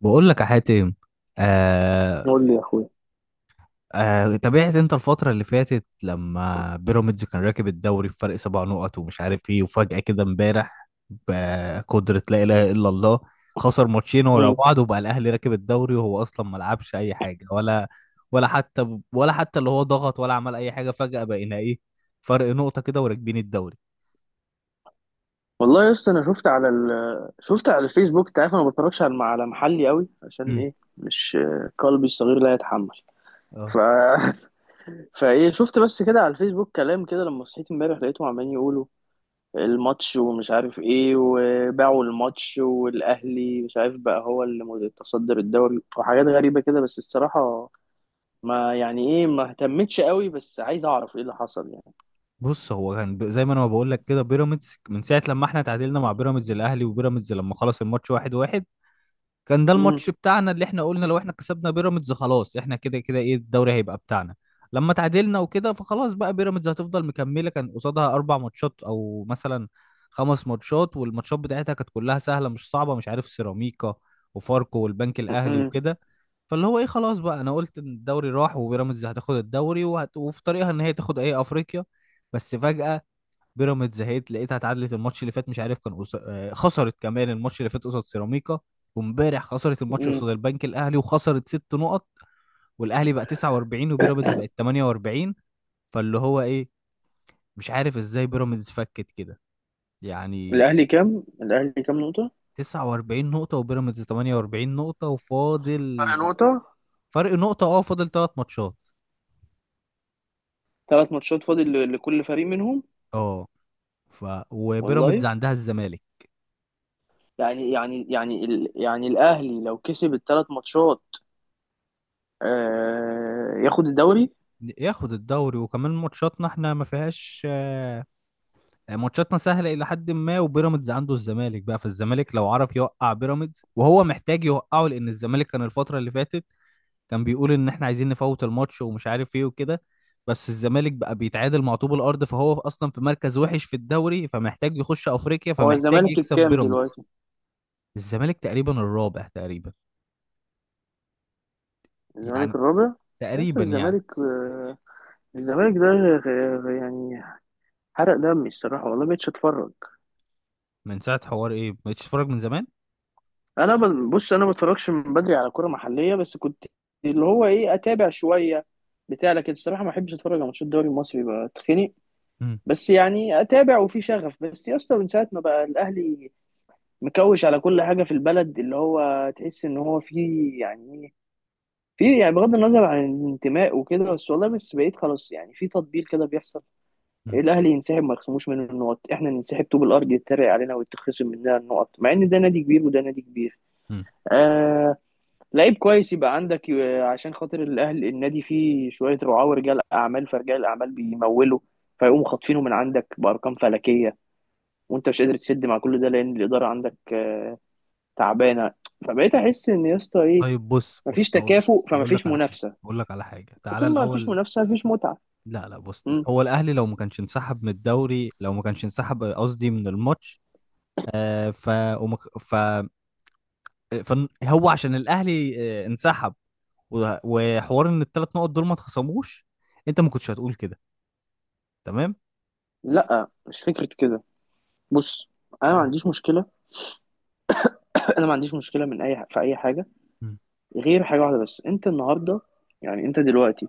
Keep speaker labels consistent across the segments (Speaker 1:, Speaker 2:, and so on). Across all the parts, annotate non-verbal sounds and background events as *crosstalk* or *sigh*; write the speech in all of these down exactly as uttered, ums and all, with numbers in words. Speaker 1: بقول لك يا حاتم. آه.
Speaker 2: قول لي يا اخويا.
Speaker 1: آه تابعت انت الفترة اللي فاتت لما بيراميدز كان راكب الدوري بفرق سبع نقط ومش عارف ايه. وفجأة كده امبارح بقدرة لا إله إلا الله خسر ماتشين ورا
Speaker 2: مم.
Speaker 1: بعض وبقى الأهلي راكب الدوري، وهو أصلا ما لعبش أي حاجة ولا ولا حتى ولا حتى اللي هو ضغط ولا عمل أي حاجة. فجأة بقينا ايه، فرق نقطة كده وراكبين الدوري.
Speaker 2: والله يا اسطى، انا شفت على ال... شفت على الفيسبوك. انت عارف انا ما بتفرجش على على محلي قوي عشان
Speaker 1: مم.
Speaker 2: ايه؟ مش قلبي الصغير لا يتحمل. ف...
Speaker 1: اه،
Speaker 2: *laughs* فايه، شفت بس كده على الفيسبوك كلام كده. لما صحيت امبارح لقيتهم عمالين يقولوا الماتش ومش عارف ايه، وباعوا الماتش، والاهلي مش عارف بقى هو اللي متصدر الدوري، وحاجات غريبة كده. بس الصراحة ما يعني ايه، ما اهتمتش قوي، بس عايز اعرف ايه اللي حصل يعني.
Speaker 1: بص، هو كان ب- زي ما انا ما بقول لك كده. بيراميدز من ساعه لما احنا تعادلنا مع بيراميدز، الاهلي وبيراميدز لما خلص الماتش واحد واحد. كان ده
Speaker 2: مم.
Speaker 1: الماتش بتاعنا اللي احنا قلنا لو احنا كسبنا بيراميدز خلاص احنا كده كده ايه الدوري هيبقى بتاعنا. لما تعادلنا وكده فخلاص بقى بيراميدز هتفضل مكملة. كان قصادها اربع ماتشات او مثلا خمس ماتشات، والماتشات بتاعتها كانت كلها سهلة مش صعبة، مش عارف، سيراميكا وفاركو والبنك الاهلي
Speaker 2: مم.
Speaker 1: وكده. فاللي هو ايه، خلاص بقى انا قلت ان الدوري راح وبيراميدز هتاخد الدوري، وهت... وفي طريقها ان هي تاخد ايه افريقيا. بس فجأة بيراميدز زهقت، لقيتها اتعادلت الماتش اللي فات، مش عارف كان قص... آه، خسرت كمان الماتش اللي فات قصاد سيراميكا. وامبارح خسرت الماتش
Speaker 2: مم.
Speaker 1: قصاد البنك الاهلي وخسرت ست نقط. والاهلي بقى تسعة وأربعين وبيراميدز بقت تمانية وأربعين. فاللي هو ايه، مش عارف ازاي بيراميدز فكت كده يعني.
Speaker 2: الاهلي كام الاهلي كام نقطة؟
Speaker 1: 49 نقطة وبيراميدز 48 نقطة،
Speaker 2: فرق
Speaker 1: وفاضل
Speaker 2: نقطة.
Speaker 1: فرق نقطة. اه، فاضل ثلاث ماتشات.
Speaker 2: ثلاث ماتشات فاضل ل- لكل فريق منهم.
Speaker 1: اه. ف
Speaker 2: والله،
Speaker 1: وبيراميدز عندها الزمالك.
Speaker 2: يعني يعني يعني ال... يعني الأهلي لو كسب الثلاث ماتشات آه... ياخد الدوري.
Speaker 1: ياخد الدوري، وكمان ماتشاتنا احنا ما فيهاش، آه، ماتشاتنا سهله الى حد ما. وبيراميدز عنده الزمالك بقى، فالزمالك لو عرف يوقع بيراميدز وهو محتاج يوقعه، لان الزمالك كان الفتره اللي فاتت كان بيقول ان احنا عايزين نفوت الماتش ومش عارف ايه وكده. بس الزمالك بقى بيتعادل مع طوب الارض، فهو اصلا في مركز وحش في الدوري، فمحتاج يخش افريقيا
Speaker 2: هو
Speaker 1: فمحتاج
Speaker 2: الزمالك
Speaker 1: يكسب
Speaker 2: الكام
Speaker 1: بيراميدز.
Speaker 2: دلوقتي؟
Speaker 1: الزمالك تقريبا الرابع تقريبا
Speaker 2: الزمالك
Speaker 1: يعني.
Speaker 2: الرابع؟ يا أسطى
Speaker 1: تقريبا يعني.
Speaker 2: الزمالك، آه، الزمالك ده غ- غ- يعني حرق دمي الصراحة، والله مبقتش أتفرج.
Speaker 1: من ساعه حوار ايه ما بقتش تتفرج من زمان.
Speaker 2: أنا ب... بص، أنا ما بتفرجش من بدري على كرة محلية، بس كنت اللي هو إيه أتابع شوية بتاع. لكن الصراحة ما بحبش أتفرج على ماتشات الدوري المصري، بتخنق.
Speaker 1: مم.
Speaker 2: بس يعني اتابع وفي شغف. بس يا اسطى من ساعه ما بقى الاهلي مكوش على كل حاجه في البلد، اللي هو تحس ان هو في يعني، في يعني بغض النظر عن الانتماء وكده، بس والله بس بقيت خلاص يعني في تطبيل كده بيحصل.
Speaker 1: مم.
Speaker 2: الاهلي ينسحب ما يخصموش منه النقط، احنا ننسحب طوب الارض يتريق علينا ويتخصم مننا النقط، مع ان ده نادي كبير وده نادي كبير.
Speaker 1: مم.
Speaker 2: آه لعيب كويس يبقى عندك آه، عشان خاطر الاهلي، النادي فيه شويه رعاه ورجال اعمال، فرجال اعمال بيمولوا فيقوموا خاطفينه من عندك بارقام فلكيه، وانت مش قادر تسد، مع كل ده لان الاداره عندك آه، تعبانه. فبقيت احس ان، يا اسطى، ايه،
Speaker 1: طيب، بص
Speaker 2: مفيش
Speaker 1: بص، هقول.
Speaker 2: تكافؤ
Speaker 1: هقول لك
Speaker 2: فمفيش
Speaker 1: على حاجه.
Speaker 2: منافسه.
Speaker 1: هقول لك على حاجه تعالى
Speaker 2: فطول ما مفيش
Speaker 1: الاول.
Speaker 2: منافسه مفيش متعه.
Speaker 1: لا لا، بص،
Speaker 2: مم.
Speaker 1: هو الاهلي لو ما كانش انسحب من الدوري، لو ما كانش انسحب قصدي من الماتش. آه ف ومك... ف فن- هو عشان الاهلي آه انسحب و- وحوار ان الثلاث نقط دول ما اتخصموش، انت ما كنتش هتقول كده. تمام.
Speaker 2: لا مش فكره كده. بص، انا ما
Speaker 1: مم.
Speaker 2: عنديش مشكله. *laughs* انا ما عنديش مشكله من اي في اي حاجه،
Speaker 1: مم.
Speaker 2: غير حاجه واحده بس. انت النهارده، يعني انت دلوقتي،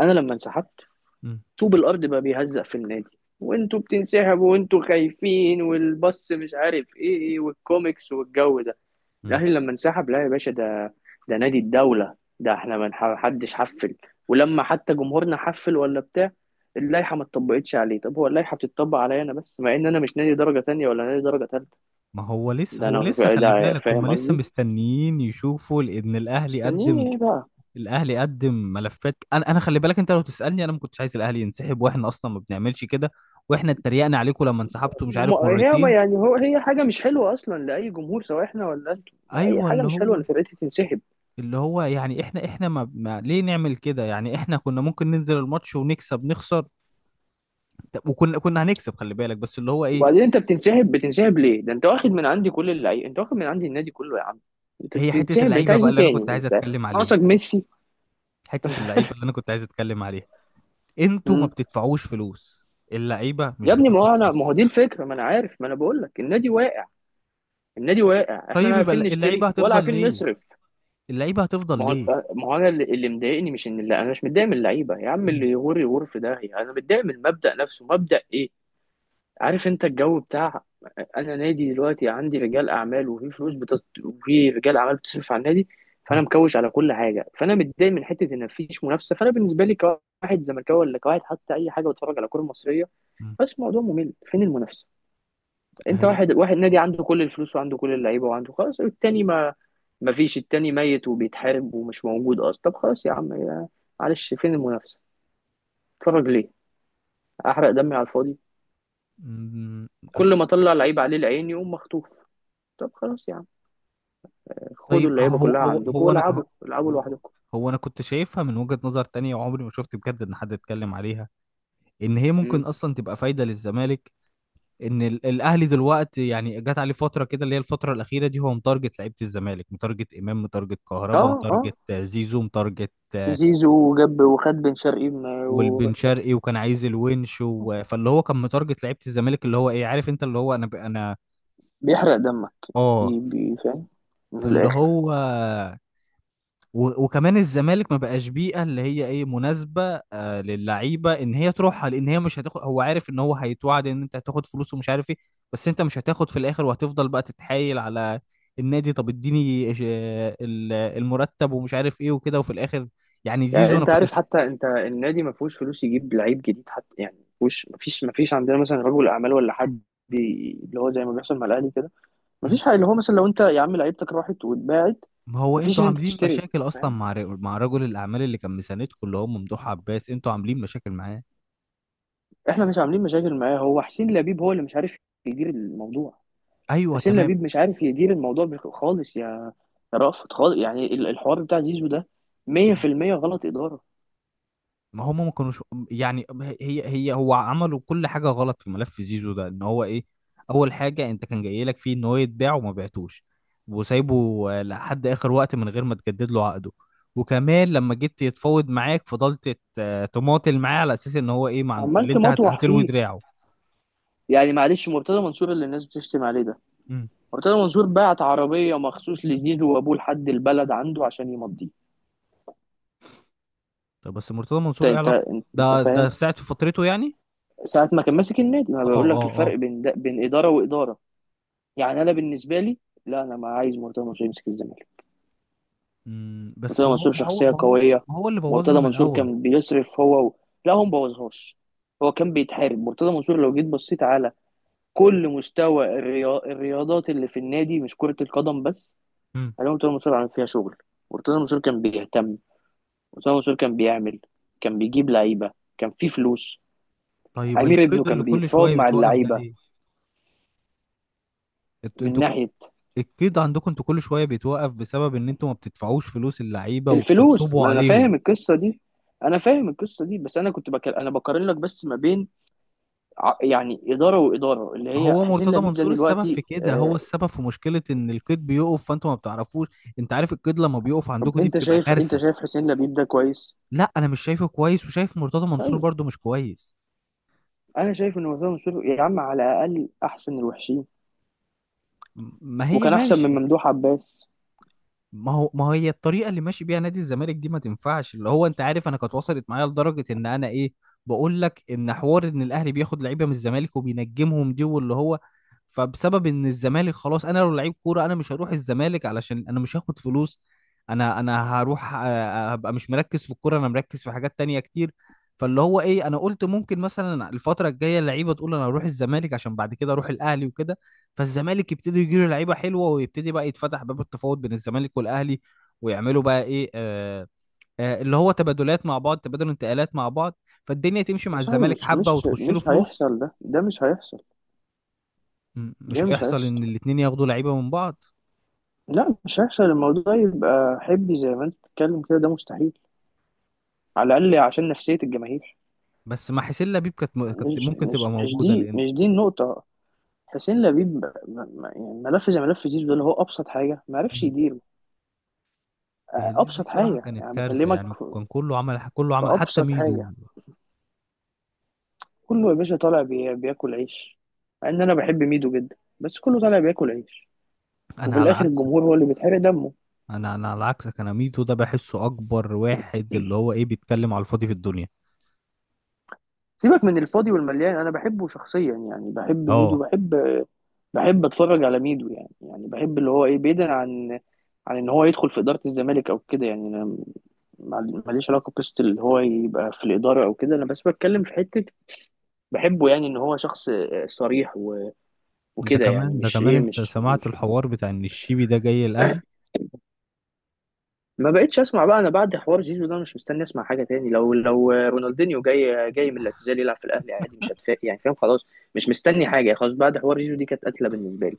Speaker 2: انا لما انسحبت
Speaker 1: مم.
Speaker 2: طوب الارض بقى بيهزق في النادي، وانتوا بتنسحبوا وانتوا خايفين والبص مش عارف ايه والكوميكس والجو ده.
Speaker 1: مم.
Speaker 2: الاهلي لما انسحب، لا يا باشا، ده ده نادي الدوله، ده احنا ما نح- حدش حفل، ولما حتى جمهورنا حفل ولا بتاع. اللائحه ما اتطبقتش عليه، طب هو اللائحه بتتطبق عليا انا بس، مع ان انا مش نادي درجه تانية ولا نادي درجه تالتة.
Speaker 1: ما هو لسه
Speaker 2: ده
Speaker 1: هو
Speaker 2: انا
Speaker 1: لسه خلي
Speaker 2: ده
Speaker 1: بالك، هم
Speaker 2: فاهم
Speaker 1: لسه
Speaker 2: قصدي.
Speaker 1: مستنيين يشوفوا لان الاهلي قدم.
Speaker 2: مستنيين ايه بقى؟
Speaker 1: الاهلي قدم ملفات. انا انا خلي بالك، انت لو تسالني انا ما كنتش عايز الاهلي ينسحب، واحنا اصلا ما بنعملش كده. واحنا اتريقنا عليكم لما انسحبتوا مش عارف
Speaker 2: ما هي، ما
Speaker 1: مرتين.
Speaker 2: يعني، هو هي حاجه مش حلوه اصلا لاي جمهور، سواء احنا ولا انتوا. اي
Speaker 1: ايوه،
Speaker 2: حاجه
Speaker 1: اللي
Speaker 2: مش حلوه
Speaker 1: هو
Speaker 2: ان فرقتي تنسحب.
Speaker 1: اللي هو يعني احنا احنا ما, ما ليه نعمل كده يعني. احنا كنا ممكن ننزل الماتش ونكسب نخسر. طب وكنا كنا هنكسب خلي بالك، بس اللي هو
Speaker 2: وبعدين
Speaker 1: ايه
Speaker 2: انت بتنسحب، بتنسحب ليه؟ ده انت واخد من عندي كل اللعيبه، انت واخد من عندي النادي كله يا عم. انت
Speaker 1: هي حتة
Speaker 2: بتنسحب ليه؟ انت
Speaker 1: اللعيبة
Speaker 2: عايز
Speaker 1: بقى
Speaker 2: ايه
Speaker 1: اللي انا
Speaker 2: تاني
Speaker 1: كنت عايز
Speaker 2: انت؟
Speaker 1: اتكلم عليها.
Speaker 2: ناقصك ميسي.
Speaker 1: حتة اللعيبة اللي انا كنت عايز اتكلم عليها، انتوا ما
Speaker 2: مم.
Speaker 1: بتدفعوش فلوس. اللعيبة مش
Speaker 2: يا ابني ما
Speaker 1: بتاخد
Speaker 2: هو انا،
Speaker 1: فلوس.
Speaker 2: ما هو دي الفكره. ما انا عارف، ما انا بقول لك النادي واقع. النادي واقع، احنا لا
Speaker 1: طيب يبقى
Speaker 2: عارفين
Speaker 1: اللعيبة
Speaker 2: نشتري ولا
Speaker 1: هتفضل
Speaker 2: عارفين
Speaker 1: ليه.
Speaker 2: نصرف.
Speaker 1: اللعيبة هتفضل
Speaker 2: ما هو،
Speaker 1: ليه.
Speaker 2: ما هو، انا اللي, اللي مضايقني مش ان، لا انا مش متضايق من اللعيبه، يا عم
Speaker 1: مم.
Speaker 2: اللي يغور يغور في داهيه. انا متضايق من المبدا نفسه. مبدا ايه؟ عارف انت الجو بتاع، انا نادي دلوقتي عندي رجال اعمال وفي فلوس بتص... وفي رجال اعمال بتصرف على النادي. فانا
Speaker 1: مم.
Speaker 2: مكوش على كل حاجه، فانا متضايق من حته ان مفيش منافسه. فانا بالنسبه لي كواحد زملكاوي ولا كواحد حتى اي حاجه بتفرج على الكوره المصريه،
Speaker 1: مم.
Speaker 2: بس الموضوع ممل. فين المنافسه؟ انت
Speaker 1: هي.
Speaker 2: واحد، واحد نادي عنده كل الفلوس وعنده كل اللعيبه وعنده خلاص، التاني ما ما فيش، التاني ميت وبيتحارب ومش موجود اصلا. طب خلاص يا عم، يا معلش، فين المنافسه؟ اتفرج ليه؟ احرق دمي على الفاضي،
Speaker 1: مم.
Speaker 2: كل ما اطلع لعيب عليه العين يقوم مخطوف. طب خلاص يا عم، خدوا
Speaker 1: طيب،
Speaker 2: اللعيبه
Speaker 1: هو
Speaker 2: كلها
Speaker 1: هو
Speaker 2: عندكم
Speaker 1: هو انا هو
Speaker 2: والعبوا العبوا
Speaker 1: هو
Speaker 2: لوحدكم.
Speaker 1: هو انا كنت شايفها من وجهة نظر تانية، وعمري ما شفت بجد ان حد اتكلم عليها ان هي
Speaker 2: امم.
Speaker 1: ممكن اصلا تبقى فايدة للزمالك. ان ال- الاهلي دلوقتي يعني جات عليه فترة كده اللي هي الفترة الاخيرة دي، هو متارجت لعيبة الزمالك، متارجت امام، متارجت كهربا،
Speaker 2: اه اه.
Speaker 1: متارجت آه، زيزو، متارجت آه،
Speaker 2: زيزو جاب وخد بن شرقي من-
Speaker 1: والبن شرقي، وكان عايز الونش. و- فاللي هو كان متارجت لعيبة الزمالك، اللي هو ايه، عارف انت اللي هو انا ب... انا.
Speaker 2: وبيحرق دمك.
Speaker 1: اه.
Speaker 2: بي بي فاهم، من
Speaker 1: فاللي
Speaker 2: الاخر.
Speaker 1: هو و- وكمان الزمالك ما بقاش بيئة اللي هي ايه مناسبة آه للعيبة ان هي تروحها، لان هي مش هتاخد. هو عارف ان هو هيتوعد ان انت هتاخد فلوس ومش عارف ايه، بس انت مش هتاخد في الاخر، وهتفضل بقى تتحايل على النادي. طب اديني ج- ال- المرتب ومش عارف ايه وكده، وفي الاخر يعني
Speaker 2: يعني
Speaker 1: زيزو انا
Speaker 2: انت
Speaker 1: كنت
Speaker 2: عارف،
Speaker 1: س...
Speaker 2: حتى انت النادي ما فيهوش فلوس يجيب لعيب جديد حتى، يعني ما فيهوش ما فيش ما فيش عندنا مثلا رجل اعمال ولا حد، ي- اللي هو زي ما بيحصل مع الاهلي كده. ما
Speaker 1: مم.
Speaker 2: فيش حاجه، اللي هو مثلا لو انت يا عم لعيبتك راحت واتباعت
Speaker 1: ما هو
Speaker 2: ما فيش
Speaker 1: انتوا
Speaker 2: ان انت
Speaker 1: عاملين
Speaker 2: تشتري،
Speaker 1: مشاكل اصلا
Speaker 2: فاهم؟
Speaker 1: مع ر- مع رجل الاعمال اللي كان مساندكم اللي هو ممدوح عباس، انتوا عاملين مشاكل معاه.
Speaker 2: احنا مش عاملين مشاكل معاه، هو حسين لبيب هو اللي مش عارف يدير الموضوع.
Speaker 1: ايوه
Speaker 2: حسين
Speaker 1: تمام.
Speaker 2: لبيب مش عارف يدير الموضوع بخ- خالص، يا يا رأفت، خالص. يعني ال- الحوار بتاع زيزو ده مائة في المئة غلط اداره.
Speaker 1: ما هم ما كانوش يعني. هي هي هو عملوا كل حاجة غلط في ملف زيزو ده ان هو ايه. اول حاجة انت كان جاي لك فيه ان هو يتباع وما بعتوش، وسايبه آه، لحد اخر وقت من غير ما تجدد له عقده. وكمان لما جيت يتفاوض معاك، فضلت ت- تماطل معاه على اساس ان هو ايه مع
Speaker 2: عمال
Speaker 1: اللي انت هت...
Speaker 2: تمطوح
Speaker 1: هتلوي
Speaker 2: فيه.
Speaker 1: دراعه.
Speaker 2: يعني معلش، مرتضى منصور اللي الناس بتشتم عليه ده،
Speaker 1: امم
Speaker 2: مرتضى منصور بعت عربية مخصوص لزيزو وأبوه لحد البلد عنده عشان يمضيه.
Speaker 1: طب، بس مرتضى منصور ايه
Speaker 2: انت
Speaker 1: علاقة؟
Speaker 2: انت انت
Speaker 1: ده ده
Speaker 2: فاهم،
Speaker 1: في ساعة في فترته يعني.
Speaker 2: ساعة ما كان ماسك النادي، ما
Speaker 1: اه
Speaker 2: بقول لك
Speaker 1: اه
Speaker 2: الفرق
Speaker 1: اه.
Speaker 2: بين ده، بين إدارة وإدارة. يعني أنا بالنسبة لي، لا، أنا ما عايز مرتضى منصور يمسك الزمالك،
Speaker 1: امم بس
Speaker 2: مرتضى
Speaker 1: ما هو
Speaker 2: منصور
Speaker 1: ما هو
Speaker 2: شخصية
Speaker 1: ما هو
Speaker 2: قوية.
Speaker 1: ما هو اللي بوظها
Speaker 2: مرتضى
Speaker 1: من
Speaker 2: منصور
Speaker 1: الاول.
Speaker 2: كان بيصرف، هو و... لا هو مبوظهاش، هو كان بيتحارب. مرتضى منصور لو جيت بصيت على كل مستوى الريا... الرياضات اللي في النادي، مش كرة القدم بس،
Speaker 1: امم
Speaker 2: هلاقي مرتضى منصور عامل فيها شغل. مرتضى منصور كان بيهتم، أسامة منصور كان بيعمل، كان بيجيب لعيبة، كان في فلوس،
Speaker 1: طيب
Speaker 2: أمير ابنه
Speaker 1: القيد اللي
Speaker 2: كان
Speaker 1: كل
Speaker 2: بيتفاوض
Speaker 1: شوية
Speaker 2: مع
Speaker 1: بتوقف ده
Speaker 2: اللعيبة
Speaker 1: ليه؟ انتوا
Speaker 2: من
Speaker 1: انتوا
Speaker 2: ناحية
Speaker 1: القيد عندكم انتوا كل شويه بيتوقف بسبب ان انتوا ما بتدفعوش فلوس اللعيبه
Speaker 2: الفلوس.
Speaker 1: وبتنصبوا
Speaker 2: ما أنا
Speaker 1: عليهم.
Speaker 2: فاهم القصة دي، أنا فاهم القصة دي، بس أنا كنت بك... أنا بقارن لك بس ما بين، ع- يعني إدارة وإدارة، اللي هي
Speaker 1: هو
Speaker 2: حسين
Speaker 1: مرتضى
Speaker 2: لبيب ده
Speaker 1: منصور السبب
Speaker 2: دلوقتي.
Speaker 1: في كده،
Speaker 2: آه...
Speaker 1: هو السبب في مشكله ان القيد بيقف، فانتوا ما بتعرفوش. انت عارف القيد لما بيقف
Speaker 2: طب
Speaker 1: عندكم دي
Speaker 2: أنت
Speaker 1: بتبقى
Speaker 2: شايف، أنت
Speaker 1: كارثه.
Speaker 2: شايف حسين لبيب ده كويس؟
Speaker 1: لا انا مش شايفه كويس، وشايف مرتضى منصور
Speaker 2: طيب،
Speaker 1: برضو مش كويس.
Speaker 2: أنا شايف إن أسامة منصور يا عم على الأقل أحسن الوحشين،
Speaker 1: م- ما هي
Speaker 2: وكان أحسن
Speaker 1: ماشي.
Speaker 2: من ممدوح عباس.
Speaker 1: ما هو، ما هي الطريقه اللي ماشي بيها نادي الزمالك دي ما تنفعش. اللي هو انت عارف، انا كانت وصلت معايا لدرجه ان انا ايه، بقول لك ان حوار ان الاهلي بياخد لعيبه من الزمالك وبينجمهم دي، واللي هو فبسبب ان الزمالك خلاص، انا لو لعيب كوره انا مش هروح الزمالك علشان انا مش هاخد فلوس. انا انا هروح آه، هبقى مش مركز في الكوره، انا مركز في حاجات تانية كتير. فاللي هو ايه، انا قلت ممكن مثلا الفتره الجايه اللعيبه تقول انا هروح الزمالك عشان بعد كده اروح الاهلي وكده، فالزمالك يبتدي يجيله لعيبه حلوه ويبتدي بقى يتفتح باب التفاوض بين الزمالك والاهلي، ويعملوا بقى ايه، آه آه اللي هو تبادلات مع بعض، تبادل انتقالات مع بعض، فالدنيا تمشي
Speaker 2: يا
Speaker 1: مع
Speaker 2: صاحبي
Speaker 1: الزمالك
Speaker 2: مش
Speaker 1: حبه
Speaker 2: مش
Speaker 1: وتخش له
Speaker 2: مش
Speaker 1: فلوس.
Speaker 2: هيحصل، ده ده مش هيحصل،
Speaker 1: م- مش
Speaker 2: ده مش
Speaker 1: هيحصل
Speaker 2: هيحصل،
Speaker 1: ان الاتنين ياخدوا لعيبه من بعض.
Speaker 2: لا مش هيحصل. الموضوع يبقى حبي زي ما انت بتتكلم كده، ده مستحيل، على الاقل عشان نفسيه الجماهير.
Speaker 1: بس مع حسين لبيب كانت م- كانت
Speaker 2: مش
Speaker 1: ممكن تبقى
Speaker 2: مش مش
Speaker 1: موجوده
Speaker 2: دي
Speaker 1: لان...
Speaker 2: مش دي النقطه. حسين لبيب ب- ب- يعني ملف زي ملف زيزو ده، اللي هو ابسط حاجه ما عرفش
Speaker 1: مم.
Speaker 2: يدير.
Speaker 1: هي
Speaker 2: آه،
Speaker 1: دي دي
Speaker 2: ابسط
Speaker 1: الصراحه
Speaker 2: حاجه
Speaker 1: كانت
Speaker 2: يعني،
Speaker 1: كارثه
Speaker 2: بكلمك
Speaker 1: يعني،
Speaker 2: في
Speaker 1: كان كله عمل كله
Speaker 2: في
Speaker 1: عمل حتى
Speaker 2: ابسط
Speaker 1: ميدو.
Speaker 2: حاجه. كله يا باشا طالع بي- بياكل عيش، مع ان انا بحب ميدو جدا، بس كله طالع بياكل عيش،
Speaker 1: انا
Speaker 2: وفي
Speaker 1: على
Speaker 2: الاخر
Speaker 1: عكسك.
Speaker 2: الجمهور هو اللي بيتحرق دمه.
Speaker 1: انا انا على عكسك، انا ميدو ده بحسه اكبر واحد اللي هو ايه، بيتكلم على الفاضي في الدنيا.
Speaker 2: سيبك من الفاضي والمليان، انا بحبه شخصيا، يعني بحب ميدو،
Speaker 1: اه.
Speaker 2: بحب بحب اتفرج على ميدو، يعني يعني بحب اللي هو ايه، بعيدا عن عن ان هو يدخل في اداره الزمالك او كده. يعني انا ما- ماليش علاقه بقصه اللي هو يبقى في الاداره او كده، انا بس بتكلم في حته بحبه، يعني ان هو شخص صريح و-
Speaker 1: ده
Speaker 2: وكده، يعني
Speaker 1: كمان ده
Speaker 2: مش
Speaker 1: كمان
Speaker 2: ايه،
Speaker 1: انت
Speaker 2: مش
Speaker 1: سمعت
Speaker 2: مش.
Speaker 1: الحوار بتاع ان الشيبي ده جاي الاهلي.
Speaker 2: ما بقتش اسمع بقى انا بعد حوار زيزو ده، مش مستني اسمع حاجه تاني. لو لو رونالدينيو جاي جاي من الاعتزال يلعب في الاهلي عادي، مش هتفاجئ يعني، فاهم؟ خلاص، مش مستني حاجه. خلاص، بعد حوار زيزو دي كانت قتله بالنسبه لي.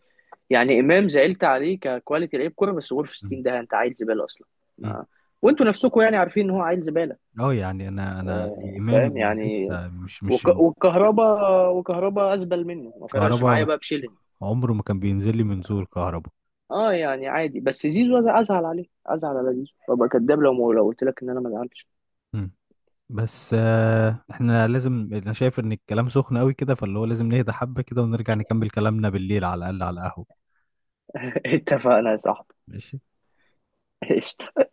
Speaker 2: يعني امام زعلت عليه ككواليتي لعيب كوره، بس غور في
Speaker 1: مم.
Speaker 2: ستين، ده انت عيل زباله اصلا.
Speaker 1: مم.
Speaker 2: ما... وانتوا نفسكم يعني عارفين ان هو عيل زباله.
Speaker 1: اه، يعني انا انا
Speaker 2: آه،
Speaker 1: امام
Speaker 2: فاهم يعني.
Speaker 1: لسه مش مش
Speaker 2: وك... وكهربا، وكهربا ازبل منه، ما فرقش معايا
Speaker 1: كهربا.
Speaker 2: بقى بشيلين.
Speaker 1: عمره ما كان بينزل لي من زور كهربا.
Speaker 2: اه يعني عادي، بس زيزو أز- ازعل عليه، ازعل على زيزو. ابقى كداب لو لو قلت لك ان انا ما ازعلش.
Speaker 1: مم. بس آه، احنا لازم، انا شايف ان الكلام سخن قوي كده، فاللي هو لازم نهدى حبة كده ونرجع نكمل كلامنا بالليل على الاقل على القهوة.
Speaker 2: اتفقنا يا صاحبي.
Speaker 1: ماشي.
Speaker 2: *laughs* قشطة.